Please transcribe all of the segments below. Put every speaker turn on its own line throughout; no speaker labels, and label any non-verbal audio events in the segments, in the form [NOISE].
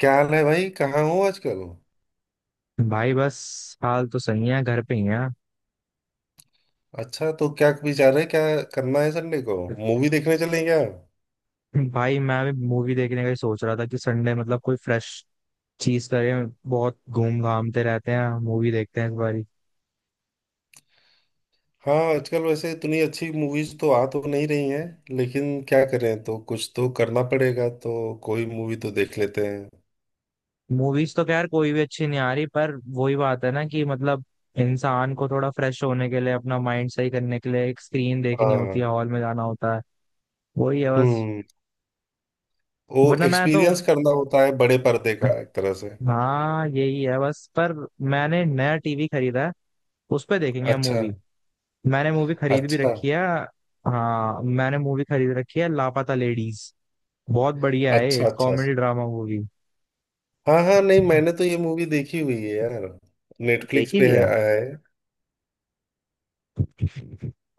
क्या हाल है भाई? कहाँ हो आजकल?
भाई, बस हाल तो सही है, घर पे ही है।
अच्छा, तो क्या विचार है? क्या करना है संडे को? मूवी देखने चलें क्या?
भाई, मैं भी मूवी देखने का ही सोच रहा था कि संडे मतलब कोई फ्रेश चीज करें। बहुत घूम घामते रहते हैं, मूवी देखते हैं इस बारी।
हाँ, आजकल वैसे इतनी अच्छी मूवीज तो आ तो नहीं रही हैं, लेकिन क्या करें, तो कुछ तो करना पड़ेगा, तो कोई मूवी तो देख लेते हैं।
मूवीज तो खैर कोई भी अच्छी नहीं आ रही, पर वही बात है ना कि मतलब इंसान को थोड़ा फ्रेश होने के लिए, अपना माइंड सही करने के लिए, एक स्क्रीन देखनी होती
हाँ।
है, हॉल में जाना होता है। वही है बस।
हम्म वो
वरना मैं तो,
एक्सपीरियंस करना होता है बड़े पर्दे का एक तरह से।
हाँ यही है बस। पर मैंने नया टीवी खरीदा है, उस पे देखेंगे
अच्छा।
मूवी। मैंने मूवी खरीद भी
अच्छा।
रखी है। हाँ, मैंने मूवी खरीद रखी है, लापता लेडीज, बहुत बढ़िया है,
अच्छा, अच्छा।
Comedy drama movie.
हाँ, हाँ, नहीं मैंने तो ये मूवी देखी हुई है यार, नेटफ्लिक्स
देखी
पे
भी
है,
है।
आया है।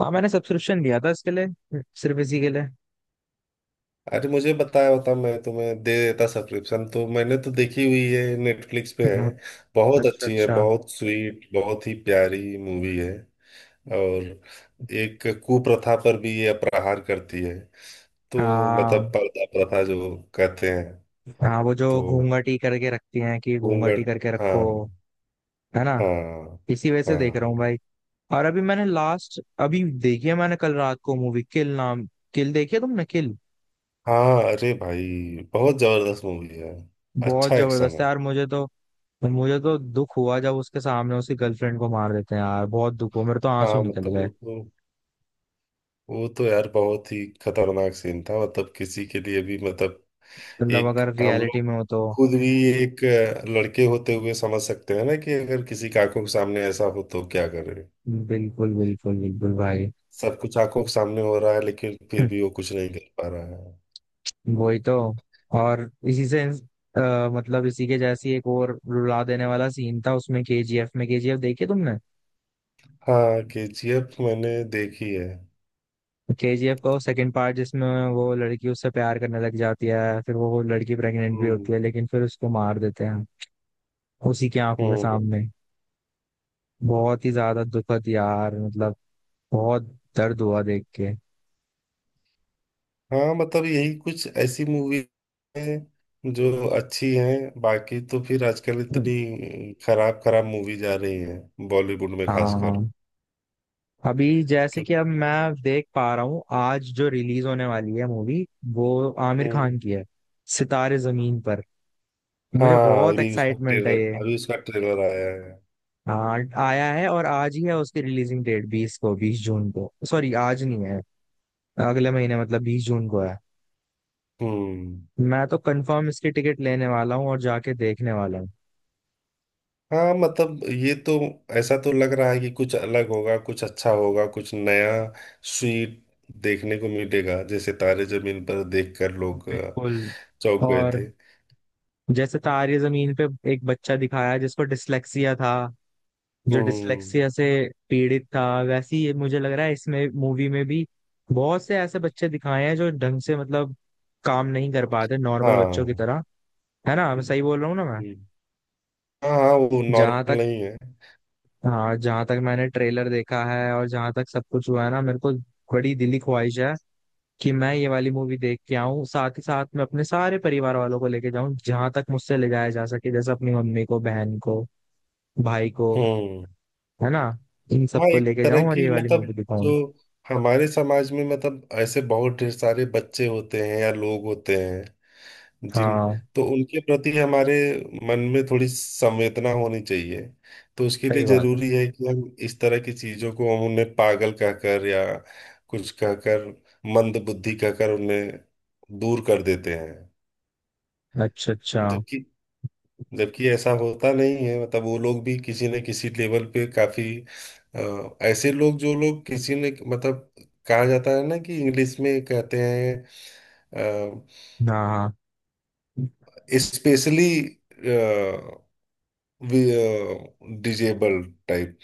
हाँ, मैंने सब्सक्रिप्शन लिया था इसके लिए, सिर्फ इसी के लिए।
अरे मुझे बताया होता, मैं तुम्हें दे देता सब्सक्रिप्शन, तो मैंने तो देखी हुई है, नेटफ्लिक्स पे है। बहुत
अच्छा
अच्छी है,
अच्छा।
बहुत स्वीट, बहुत ही प्यारी मूवी है। और एक कुप्रथा पर भी ये प्रहार करती है तो,
हाँ
मतलब पर्दा प्रथा जो कहते हैं,
हाँ, वो जो
तो
घूंघटी करके रखती हैं, कि घूंघटी
घूंघट।
करके
हाँ।
रखो, है ना।
हाँ।
इसी वजह से देख रहा
हाँ।
हूँ भाई। और अभी मैंने लास्ट अभी देखी है, मैंने कल रात को मूवी, किल नाम, किल देखी है तुमने, किल?
हाँ, अरे भाई, बहुत जबरदस्त मूवी है।
बहुत
अच्छा एक्शन
जबरदस्त
है।
है यार मुझे तो। पर मुझे तो दुख हुआ जब उसके सामने उसकी गर्लफ्रेंड को मार देते हैं, यार बहुत दुख हुआ, मेरे तो आंसू
हाँ,
निकल
मतलब वो
गए।
तो वो तो यार बहुत ही खतरनाक सीन था, मतलब किसी के लिए भी, मतलब
मतलब
एक
अगर
हम लोग
रियलिटी में हो तो,
खुद भी, एक लड़के होते हुए समझ सकते हैं ना कि अगर किसी की आंखों के सामने ऐसा हो तो क्या करे।
बिल्कुल बिल्कुल बिल्कुल भाई।
सब कुछ आंखों के सामने हो रहा है, लेकिन फिर भी वो कुछ नहीं कर पा रहा है।
[LAUGHS] वही तो। और इसी से मतलब इसी के जैसी एक और रुला देने वाला सीन था उसमें, केजीएफ में, केजीएफ देखी तुमने?
हाँ, केजीएफ मैंने देखी है।
केजीएफ का वो सेकंड पार्ट, जिसमें वो लड़की उससे प्यार करने लग जाती है, फिर वो लड़की प्रेग्नेंट भी
हम्म।
होती है, लेकिन फिर उसको मार देते हैं उसी की आंखों के
हम्म।
सामने। बहुत ही ज्यादा दुखद यार मतलब, बहुत दर्द हुआ देख के।
हाँ, मतलब यही कुछ ऐसी मूवी है जो अच्छी हैं, बाकी तो फिर आजकल
हम्म।
इतनी खराब खराब मूवीज आ रही हैं बॉलीवुड में खासकर।
हाँ, अभी जैसे कि अब मैं देख पा रहा हूँ, आज जो रिलीज होने वाली है मूवी, वो आमिर खान
हम्म।
की है, सितारे जमीन पर। मुझे
हाँ,
बहुत एक्साइटमेंट है ये।
अभी उसका ट्रेलर आया है।
हाँ, आया है, और आज ही है उसकी रिलीजिंग डेट, 20 को, 20 जून को, सॉरी आज नहीं है, अगले महीने मतलब 20 जून को है।
हम्म।
मैं तो कंफर्म इसकी टिकट लेने वाला हूँ और जाके देखने वाला हूँ।
हाँ, मतलब ये तो ऐसा तो लग रहा है कि कुछ अलग होगा, कुछ अच्छा होगा, कुछ नया, स्वीट देखने को मिलेगा। जैसे तारे जमीन पर देखकर लोग
बिल्कुल।
चौंक गए
और
थे।
जैसे तारे जमीन पे एक बच्चा दिखाया जिसको डिसलेक्सिया था, जो
हम्म।
डिसलेक्सिया से पीड़ित था, वैसे ही ये मुझे लग रहा है इसमें मूवी में भी बहुत से ऐसे बच्चे दिखाए हैं जो ढंग से मतलब काम नहीं कर पाते नॉर्मल बच्चों की
हाँ।
तरह। है ना, मैं सही बोल रहा हूँ ना मैं?
हम्म, हाँ, हाँ, वो
जहां
नॉर्मल
तक,
नहीं है।
हाँ जहां तक मैंने ट्रेलर देखा है, और जहां तक सब कुछ हुआ है ना, मेरे को बड़ी दिली ख्वाहिश है कि मैं ये वाली मूवी देख के आऊँ, साथ ही साथ मैं अपने सारे परिवार वालों को लेके जाऊं, जहां तक मुझसे ले जाया जा सके, जैसे अपनी मम्मी को, बहन को, भाई को,
हम्म।
है ना, इन
हाँ,
सबको
एक
लेके
तरह
जाऊं और
की
ये वाली
मतलब,
मूवी
जो
दिखाऊं।
हमारे समाज में, मतलब ऐसे बहुत ढेर सारे बच्चे होते हैं या लोग होते हैं, जिन,
हाँ,
तो उनके प्रति हमारे मन में थोड़ी संवेदना होनी चाहिए। तो उसके लिए
सही बात है।
जरूरी है कि हम इस तरह की चीजों को, हम उन्हें पागल कहकर या कुछ कहकर, मंद बुद्धि कहकर उन्हें दूर कर देते हैं।
अच्छा अच्छा।
जबकि, ऐसा होता नहीं है, मतलब वो लोग भी किसी न किसी लेवल पे काफी, ऐसे लोग, जो लोग किसी ने, मतलब कहा जाता है ना कि इंग्लिश में कहते हैं,
हाँ।
Specially disable type.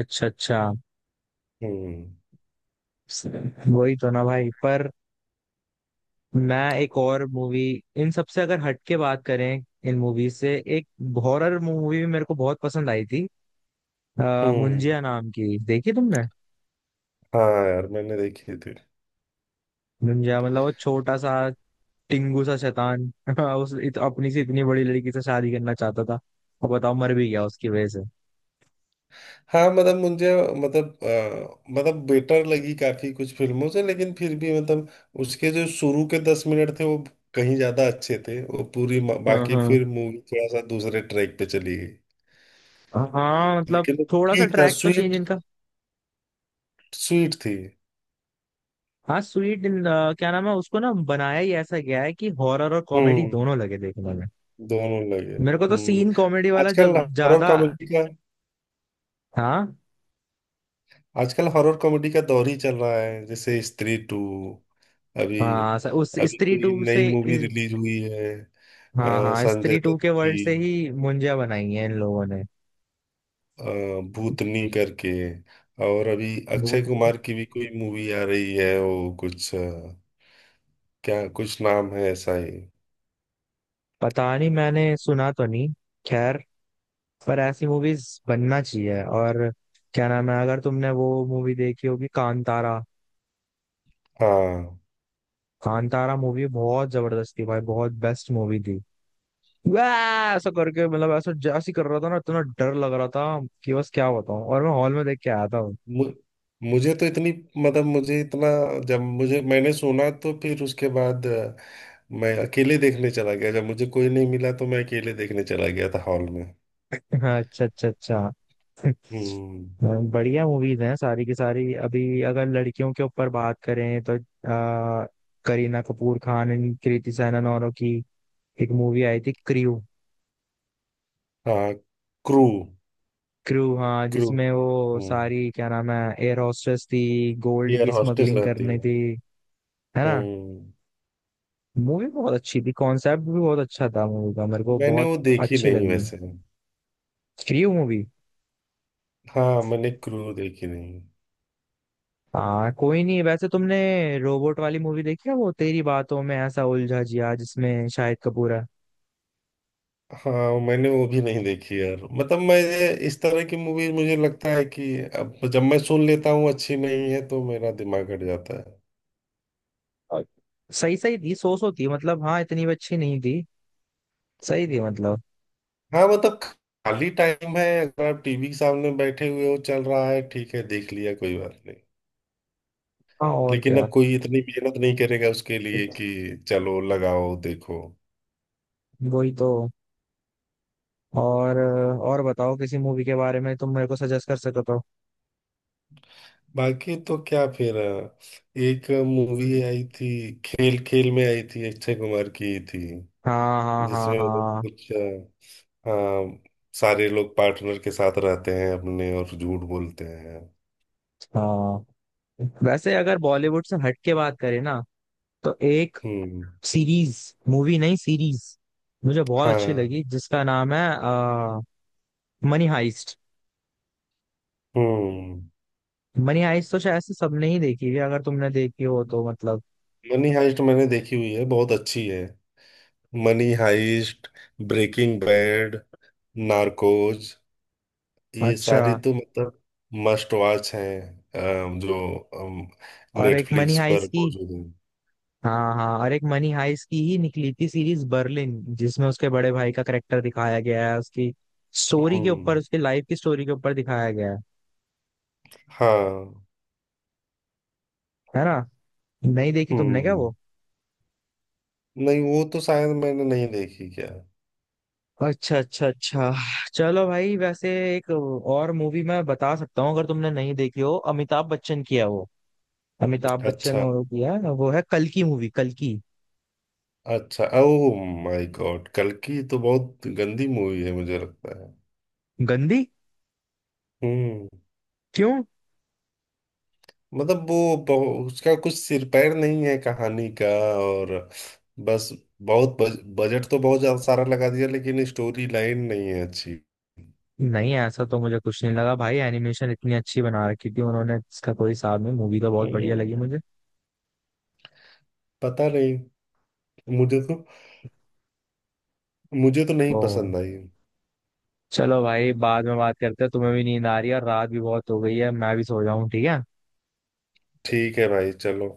अच्छा अच्छा।
हम्म।
वही तो ना भाई। पर मैं एक और मूवी, इन सबसे अगर हट के बात करें, इन मूवी से एक हॉरर मूवी भी मेरे को बहुत पसंद आई थी,
हम्म।
मुंजिया नाम की, देखी तुमने?
हाँ यार, मैंने देखी थी।
मुंजिया, मतलब वो छोटा सा टिंगू सा शैतान, [LAUGHS] अपनी से इतनी बड़ी लड़की से शादी करना चाहता था, और बताओ मर भी गया उसकी वजह से।
हाँ, मतलब मुझे, मतलब मतलब बेटर लगी काफी कुछ फिल्मों से, लेकिन फिर भी, मतलब उसके जो शुरू के 10 मिनट थे वो कहीं ज्यादा अच्छे थे। वो पूरी
हाँ
बाकी
हाँ।
फिर मूवी थोड़ा सा दूसरे ट्रैक पे चली गई।
हाँ मतलब,
लेकिन वो
थोड़ा सा
ठीक था,
ट्रैक तो चेंज
स्वीट,
इनका।
स्वीट थी।
हाँ, स्वीट इन, क्या नाम है, उसको ना बनाया ही ऐसा गया है कि हॉरर और कॉमेडी
हम्म,
दोनों लगे देखने में।
दोनों लगे।
मेरे को तो
हम्म।
सीन कॉमेडी वाला जब
आजकल हॉरर
ज्यादा,
कॉमेडी का
हाँ।
आजकल हॉरर कॉमेडी का दौर ही चल रहा है, जैसे स्त्री टू, अभी।
हाँ उस
अभी
स्त्री
कोई
टू
नई
से
मूवी रिलीज हुई है
हाँ हाँ,
संजय
स्त्री टू
दत्त
के
की,
वर्ल्ड से ही मुंजिया बनाई है इन लोगों ने।
अ, भूतनी करके। और अभी अक्षय
भूत में,
कुमार की भी कोई मूवी आ रही है, वो कुछ क्या कुछ नाम है ऐसा ही।
पता नहीं, मैंने सुना तो नहीं। खैर, पर ऐसी मूवीज बनना चाहिए। और क्या नाम है, अगर तुमने वो मूवी देखी होगी, कांतारा।
हाँ,
कांतारा मूवी बहुत जबरदस्त थी भाई, बहुत बेस्ट मूवी थी। वाह, ऐसा करके मतलब, ऐसा जैसे ही कर रहा था ना, इतना डर लग रहा था, कि बस क्या बताऊं, और मैं हॉल में देख के आया था वो।
मु- मुझे तो इतनी, मतलब मुझे इतना, जब मुझे मैंने सुना तो फिर उसके बाद मैं अकेले देखने चला गया। जब मुझे कोई नहीं मिला तो मैं अकेले देखने चला गया था हॉल में।
[LAUGHS] अच्छा अच्छा अच्छा। [LAUGHS]
हम्म।
बढ़िया मूवीज हैं सारी की सारी। अभी अगर लड़कियों के ऊपर बात करें तो आ, करीना कपूर खान एंड कृति सैनन औरों की एक मूवी आई थी, क्रू।
हाँ, क्रू।
क्रू, हाँ,
क्रू।
जिसमें वो
हम्म,
सारी, क्या नाम है, एयर होस्टेस थी, गोल्ड
एयर
की
हॉस्टेस
स्मगलिंग
रहती
करनी
है।
थी, है ना।
हम्म।
मूवी बहुत अच्छी थी, कॉन्सेप्ट भी बहुत अच्छा था मूवी का, मेरे को
मैंने
बहुत
वो देखी
अच्छी
नहीं
लगी।
वैसे।
Three movie.
हाँ, मैंने क्रू देखी नहीं।
हाँ, कोई नहीं। वैसे तुमने रोबोट वाली मूवी देखी है, वो तेरी बातों में ऐसा उलझा जिया, जिसमें शाहिद कपूर है।
हाँ, मैंने वो भी नहीं देखी यार, मतलब मैं इस तरह की मूवीज मुझे लगता है कि अब जब मैं सुन लेता हूँ अच्छी नहीं है तो मेरा दिमाग हट जाता है।
और सही सही थी, सो थी मतलब, हाँ इतनी भी अच्छी नहीं थी, सही थी मतलब।
हाँ, मतलब खाली टाइम है, अगर आप टीवी के सामने बैठे हुए हो, चल रहा है, ठीक है, देख लिया, कोई बात नहीं।
हाँ, और
लेकिन
क्या।
अब कोई इतनी मेहनत नहीं करेगा उसके लिए कि चलो लगाओ देखो।
वही तो। और बताओ, किसी मूवी के बारे में तुम मेरे को सजेस्ट कर सको तो।
बाकी तो क्या फिर एक मूवी आई थी, खेल खेल में आई थी, अक्षय कुमार की थी।
हाँ हाँ हाँ
जिसमें वो लोग
हाँ
कुछ, हाँ, सारे लोग पार्टनर के साथ रहते हैं अपने और झूठ बोलते हैं।
हाँ। वैसे अगर बॉलीवुड से हट के बात करें ना, तो एक
हम्म।
सीरीज, मूवी नहीं सीरीज, मुझे बहुत अच्छी
हाँ।
लगी, जिसका नाम है मनी हाइस्ट।
हम्म।
मनी हाइस्ट तो शायद से सबने ही देखी है, अगर तुमने देखी हो तो मतलब,
मनी हाइस्ट मैंने देखी हुई है, बहुत अच्छी है। Money Heist, Breaking Bad, Narcos, ये
अच्छा।
सारी तो मतलब मस्ट वॉच हैं, जो
और एक मनी
नेटफ्लिक्स पर
हाइस्ट की,
मौजूद है।
हाँ हाँ, और एक मनी हाइस्ट की ही निकली थी सीरीज, बर्लिन, जिसमें उसके बड़े भाई का करेक्टर दिखाया गया है, उसकी स्टोरी के ऊपर,
हम्म।
उसकी लाइफ की स्टोरी के ऊपर दिखाया गया है
हाँ।
है ना। नहीं देखी तुमने क्या
हम्म।
वो?
नहीं, वो तो शायद मैंने नहीं देखी क्या।
अच्छा अच्छा अच्छा। चलो भाई। वैसे एक और मूवी मैं बता सकता हूँ, अगर तुमने नहीं देखी हो, अमिताभ बच्चन की है वो, अमिताभ बच्चन
अच्छा,
और की है, वो है कल की मूवी, कल की।
अच्छा, ओ माय गॉड, कल्कि तो बहुत गंदी मूवी है मुझे लगता है।
गंदी?
हम्म।
क्यों?
मतलब वो उसका कुछ सिर पैर नहीं है कहानी का, और बस, बहुत बजट तो बहुत ज्यादा सारा लगा दिया, लेकिन स्टोरी लाइन नहीं है अच्छी।
नहीं ऐसा तो मुझे कुछ नहीं लगा भाई, एनिमेशन इतनी अच्छी बना रखी थी उन्होंने, इसका कोई हिसाब नहीं, मूवी तो बहुत बढ़िया लगी
हम्म,
मुझे।
पता नहीं, मुझे तो मुझे तो नहीं
ओ।
पसंद आई।
चलो भाई, बाद में बात करते हैं, तुम्हें भी नींद आ रही है और रात भी बहुत हो गई है, मैं भी सो जाऊं, ठीक है।
ठीक है भाई, चलो।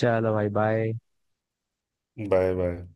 चलो भाई, बाय।
Bye, bye.